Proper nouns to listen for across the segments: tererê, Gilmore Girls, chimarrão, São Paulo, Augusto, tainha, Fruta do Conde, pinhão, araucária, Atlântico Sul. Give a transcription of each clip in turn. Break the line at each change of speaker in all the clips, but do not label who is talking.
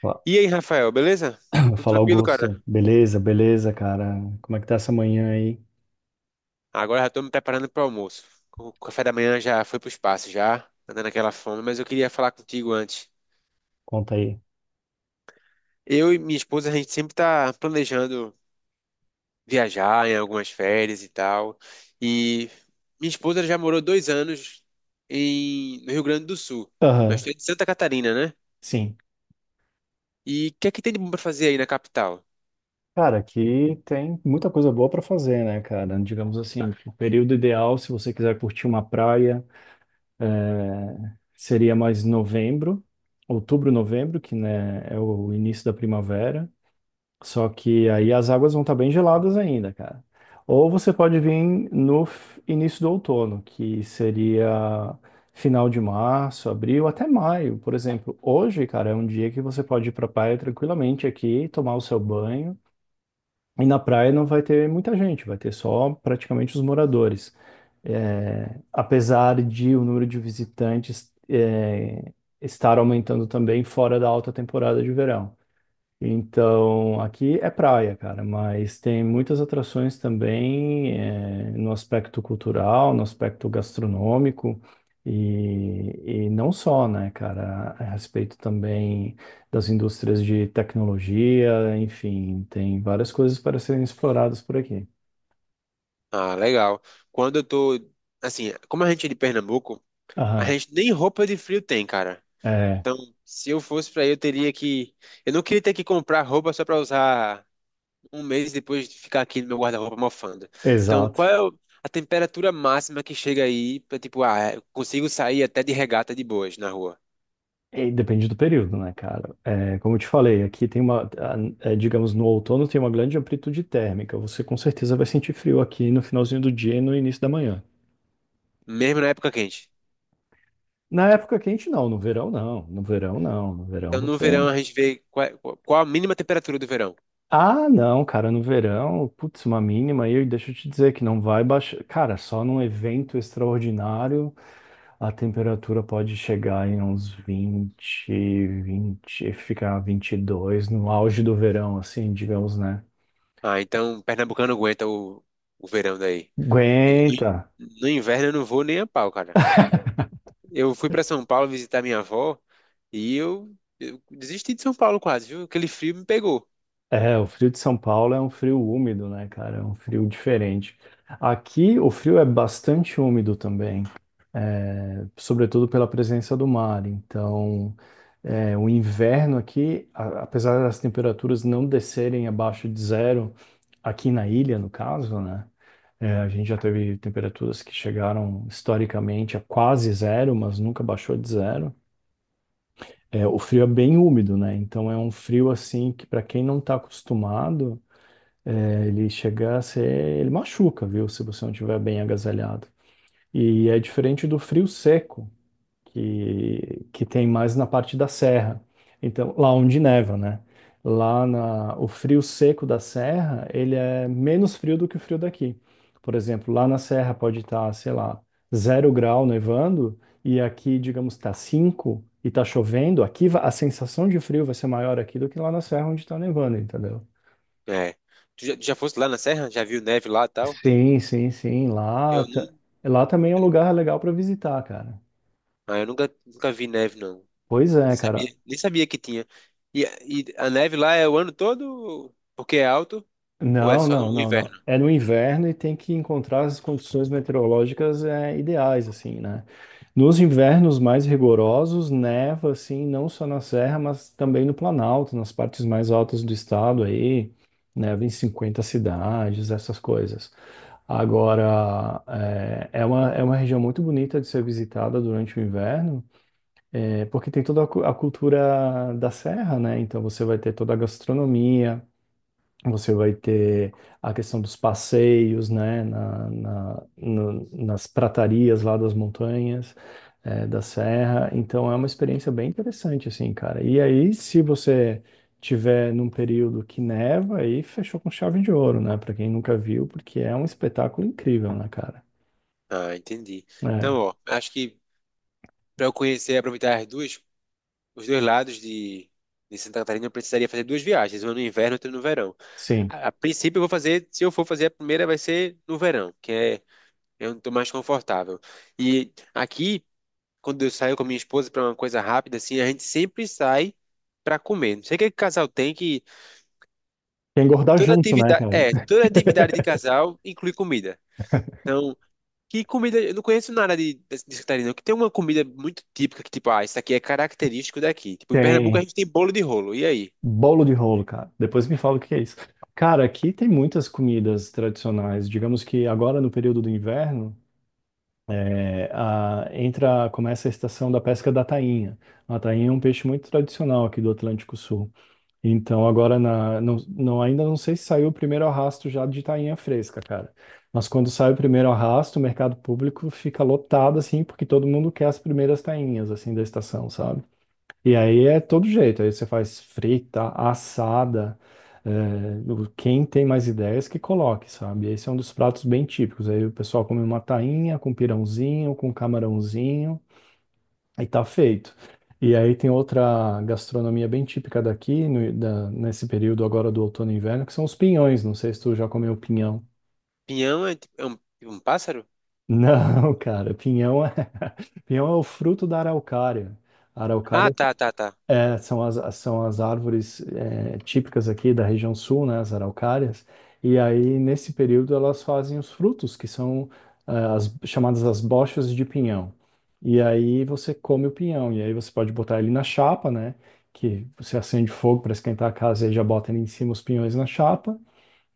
Fa-
E aí, Rafael, beleza? Tudo
Fala,
tranquilo, cara?
Augusto. Beleza, beleza, cara. Como é que tá essa manhã aí?
Agora já tô me preparando pro almoço. O café da manhã já foi pro espaço, já, andando aquela fome, mas eu queria falar contigo antes.
Conta aí.
Eu e minha esposa, a gente sempre tá planejando viajar em algumas férias e tal. E minha esposa já morou 2 anos no Rio Grande do Sul.
Aham,
Nós estamos de Santa Catarina, né?
sim.
E o que é que tem de bom pra fazer aí na capital?
Cara, aqui tem muita coisa boa pra fazer, né, cara? Digamos assim, o período ideal, se você quiser curtir uma praia, seria mais novembro, outubro, novembro, que né, é o início da primavera. Só que aí as águas vão estar bem geladas ainda, cara. Ou você pode vir no início do outono, que seria final de março, abril, até maio, por exemplo. Hoje, cara, é um dia que você pode ir pra praia tranquilamente aqui, tomar o seu banho. E na praia não vai ter muita gente, vai ter só praticamente os moradores. É, apesar de o número de visitantes estar aumentando também fora da alta temporada de verão. Então, aqui é praia, cara, mas tem muitas atrações também, no aspecto cultural, no aspecto gastronômico, e não só, né, cara, a respeito também das indústrias de tecnologia, enfim, tem várias coisas para serem exploradas por aqui.
Ah, legal. Quando eu tô. Assim, como a gente é de Pernambuco, a
Aham,
gente nem roupa de frio tem, cara.
é,
Então, se eu fosse pra aí, eu teria que. Eu não queria ter que comprar roupa só pra usar um mês e depois ficar aqui no meu guarda-roupa mofando. Então,
exato.
qual é a temperatura máxima que chega aí pra, tipo, ah, eu consigo sair até de regata de boas na rua,
E depende do período, né, cara? É, como eu te falei, aqui tem é, digamos, no outono tem uma grande amplitude térmica. Você com certeza vai sentir frio aqui no finalzinho do dia e no início da manhã.
mesmo na época quente.
Na época quente, não. No verão, não. No verão, não. No verão,
Então, no
você.
verão, a gente vê qual, qual a mínima temperatura do verão.
Ah, não, cara, no verão, putz, uma mínima aí. Deixa eu te dizer que não vai baixar. Cara, só num evento extraordinário a temperatura pode chegar em uns 20, 20, ficar 22 no auge do verão, assim, digamos, né?
Ah, então, pernambucano aguenta o verão daí. E
Aguenta.
no inverno, eu não vou nem a pau, cara. Eu fui pra São Paulo visitar minha avó. E eu desisti de São Paulo quase, viu? Aquele frio me pegou.
É, o frio de São Paulo é um frio úmido, né, cara? É um frio diferente. Aqui o frio é bastante úmido também, sobretudo pela presença do mar. Então, o inverno aqui, apesar das temperaturas não descerem abaixo de 0, aqui na ilha, no caso, né? é, a gente já teve temperaturas que chegaram historicamente a quase 0, mas nunca baixou de 0. É, o frio é bem úmido, né? Então é um frio assim que para quem não está acostumado. É, ele chega a ser, ele machuca, viu? Se você não estiver bem agasalhado. E é diferente do frio seco, que tem mais na parte da serra. Então, lá onde neva, né? O frio seco da serra, ele é menos frio do que o frio daqui. Por exemplo, lá na serra pode estar, sei lá, 0 grau nevando, e aqui, digamos, está 5 e está chovendo. A sensação de frio vai ser maior aqui do que lá na serra onde está nevando, entendeu?
É. Tu já, fosse lá na Serra? Já viu neve lá e tal?
Sim, sim, sim.
Eu não.
Lá também é um lugar legal para visitar, cara.
Ah, eu nunca vi neve, não.
Pois é,
Nem
cara.
sabia, nem sabia que tinha. E a neve lá é o ano todo porque é alto ou é
Não,
só no
não, não, não.
inverno?
É no inverno e tem que encontrar as condições meteorológicas ideais, assim, né? Nos invernos mais rigorosos, neva, assim, não só na serra, mas também no Planalto, nas partes mais altas do estado aí, neva em 50 cidades, essas coisas. Agora, é uma região muito bonita de ser visitada durante o inverno. É porque tem toda a a cultura da serra, né? Então você vai ter toda a gastronomia, você vai ter a questão dos passeios, né? Nas pratarias lá das montanhas, da serra. Então é uma experiência bem interessante, assim, cara. E aí, se você tiver num período que neva, aí fechou com chave de ouro, né? Pra quem nunca viu, porque é um espetáculo incrível, né, cara?
Ah, entendi.
É,
Então, ó, acho que para eu conhecer e aproveitar as duas, os dois lados de Santa Catarina, eu precisaria fazer duas viagens, uma no inverno e outra no verão.
sim.
A princípio, eu vou fazer, se eu for fazer a primeira, vai ser no verão, que é Eu não tô mais confortável. E aqui, quando eu saio com a minha esposa para uma coisa rápida, assim, a gente sempre sai para comer. Não sei o que que casal tem que
Quer engordar
toda
junto, né,
atividade,
cara?
é, toda atividade de casal inclui comida. Então, que comida, eu não conheço nada de Catarina, não, que tem uma comida muito típica que tipo, ah, isso aqui é característico daqui. Tipo, em Pernambuco a
Tem.
gente tem bolo de rolo. E aí?
Bolo de rolo, cara. Depois me fala o que é isso. Cara, aqui tem muitas comidas tradicionais. Digamos que agora no período do inverno, entra, começa a estação da pesca da tainha. A tainha é um peixe muito tradicional aqui do Atlântico Sul. Então agora ainda não sei se saiu o primeiro arrasto já de tainha fresca, cara. Mas quando sai o primeiro arrasto, o mercado público fica lotado assim, porque todo mundo quer as primeiras tainhas assim da estação, sabe? E aí é todo jeito, aí você faz frita, assada, quem tem mais ideias que coloque, sabe? Esse é um dos pratos bem típicos, aí o pessoal come uma tainha com pirãozinho, com camarãozinho, aí tá feito. E aí tem outra gastronomia bem típica daqui, nesse período agora do outono e inverno, que são os pinhões, não sei se tu já comeu pinhão.
Pinhão é, é um pássaro?
Não, cara, pinhão é, pinhão é o fruto da araucária. A
Ah,
araucária.
tá, tá, tá.
É, são são as árvores típicas aqui da região sul, né, as araucárias, e aí nesse período elas fazem os frutos, que são chamadas as bochas de pinhão. E aí você come o pinhão, e aí você pode botar ele na chapa, né, que você acende fogo para esquentar a casa e aí já bota ali em cima os pinhões na chapa,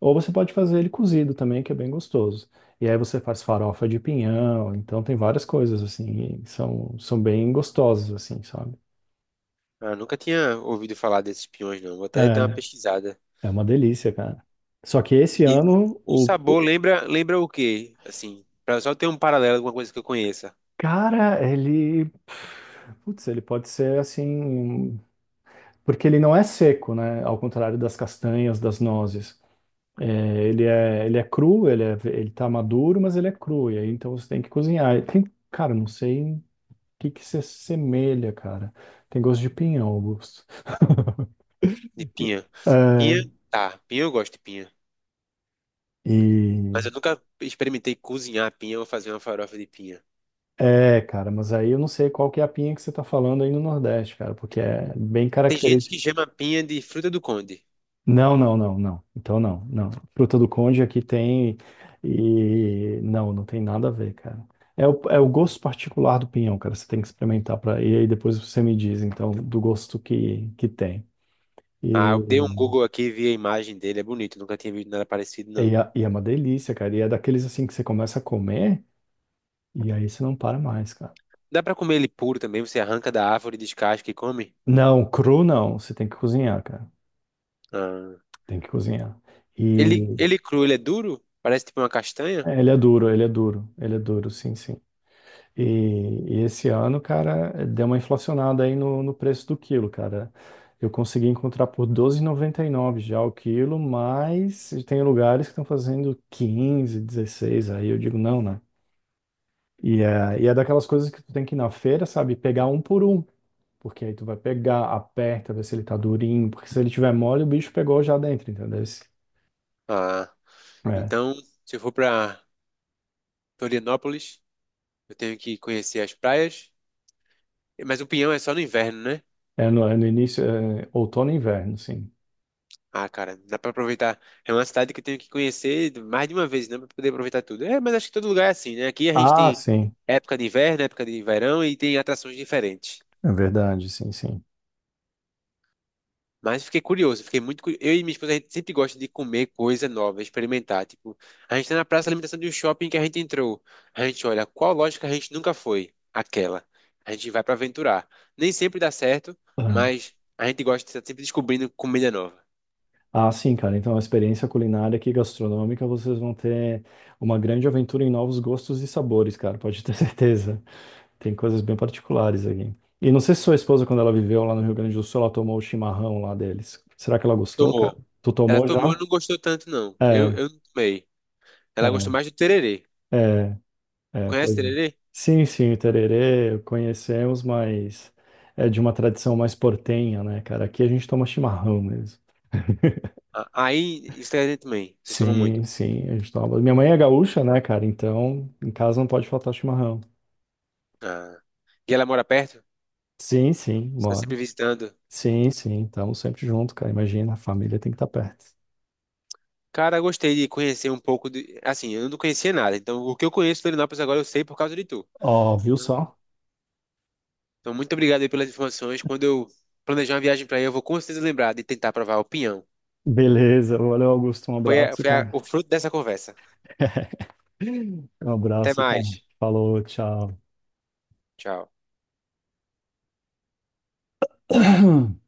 ou você pode fazer ele cozido também, que é bem gostoso. E aí você faz farofa de pinhão, então tem várias coisas assim, e são bem gostosas assim, sabe?
Ah, nunca tinha ouvido falar desses pinhões, não. Vou até dar uma
É,
pesquisada.
é uma delícia, cara. Só que esse
E
ano,
o
o
sabor lembra o quê? Assim, pra só ter um paralelo com uma coisa que eu conheça,
cara, ele. Putz, ele pode ser assim. Porque ele não é seco, né? Ao contrário das castanhas, das nozes. É, ele é cru, ele tá maduro, mas ele é cru. E aí, então você tem que cozinhar. E tem, cara, não sei o que que se assemelha, cara. Tem gosto de pinhão, Augusto.
de pinha. Pinha,
É,
tá, pinha eu gosto de pinha. Mas
e.
eu nunca experimentei cozinhar pinha ou fazer uma farofa de pinha.
É, cara, mas aí eu não sei qual que é a pinha que você tá falando aí no Nordeste, cara, porque é bem
Tem gente que
característico.
chama pinha de fruta do conde.
Não, não, não, não. Então não, não. Fruta do Conde aqui tem e não, não tem nada a ver, cara. É o gosto particular do pinhão, cara. Você tem que experimentar para e aí depois você me diz, então, do gosto que tem.
Ah, eu dei
E,
um Google aqui e vi a imagem dele, é bonito, nunca tinha visto nada parecido,
e,
não.
é, e é uma delícia, cara. E é daqueles assim que você começa a comer e aí você não para mais, cara.
Dá pra comer ele puro também, você arranca da árvore, descasca e come?
Não, cru não. Você tem que cozinhar, cara.
Ah.
Tem que cozinhar.
Ele,
E
ele é cru, ele é duro? Parece tipo uma castanha?
ele é duro, ele é duro, ele é duro, sim, sim. E, e esse ano, cara, deu uma inflacionada aí no preço do quilo, cara. Eu consegui encontrar por 12,99 já o quilo, mas tem lugares que estão fazendo 15, 16. Aí eu digo não, né? E é daquelas coisas que tu tem que ir na feira, sabe? Pegar um por um, porque aí tu vai pegar, aperta, ver se ele tá durinho, porque se ele tiver mole, o bicho pegou já dentro, entendeu?
Ah,
É,
então, se eu for pra Florianópolis... Eu tenho que conhecer as praias. Mas o Pinhão é só no inverno, né?
é no início, é outono e inverno, sim.
Ah, cara, dá pra aproveitar. É uma cidade que eu tenho que conhecer mais de uma vez, né? Pra poder aproveitar tudo. É, mas acho que todo lugar é assim, né? Aqui a gente
Ah,
tem
sim,
época de inverno, época de verão e tem atrações diferentes.
é verdade, sim, sim.
Mas fiquei curioso, fiquei muito curioso. Eu e minha esposa, a gente sempre gosta de comer coisa nova, experimentar. Tipo, a gente tá na praça de alimentação de um shopping que a gente entrou. A gente olha, qual loja que a gente nunca foi? Aquela. A gente vai pra aventurar. Nem sempre dá certo, mas a gente gosta de estar sempre descobrindo comida nova.
Ah, sim, cara. Então, a experiência culinária aqui gastronômica, vocês vão ter uma grande aventura em novos gostos e sabores, cara. Pode ter certeza. Tem coisas bem particulares aqui. E não sei se sua esposa, quando ela viveu lá no Rio Grande do Sul, ela tomou o chimarrão lá deles. Será que ela gostou, cara?
Tomou.
Tu
Ela
tomou
tomou
já?
e não gostou tanto, não. Eu,
É,
eu não tomei. Ela
é,
gostou mais do tererê.
é, é,
Conhece
pois é.
tererê?
Sim, sim, o tererê conhecemos, mas é de uma tradição mais portenha, né, cara? Aqui a gente toma chimarrão mesmo.
Ah, aí, isso aí também. Vocês tomam
Sim,
muito.
sim, a gente toma. Minha mãe é gaúcha, né, cara? Então, em casa não pode faltar chimarrão.
Ah. E ela mora perto?
Sim, sim,
Você está
bora.
sempre visitando?
Sim, sim, estamos sempre junto, cara. Imagina, a família tem que estar perto.
Cara, eu gostei de conhecer um pouco de... Assim, eu não conhecia nada. Então, o que eu conheço de Florianópolis agora, eu sei por causa de tu.
Ó, viu
Então,
só?
então, muito obrigado aí pelas informações. Quando eu planejar uma viagem para aí, eu vou com certeza lembrar de tentar provar o pinhão.
Beleza, valeu, Augusto. Um
Foi, a-
abraço,
foi a-
cara.
o fruto dessa conversa.
Um
Até
abraço, cara.
mais.
Falou, tchau.
Tchau.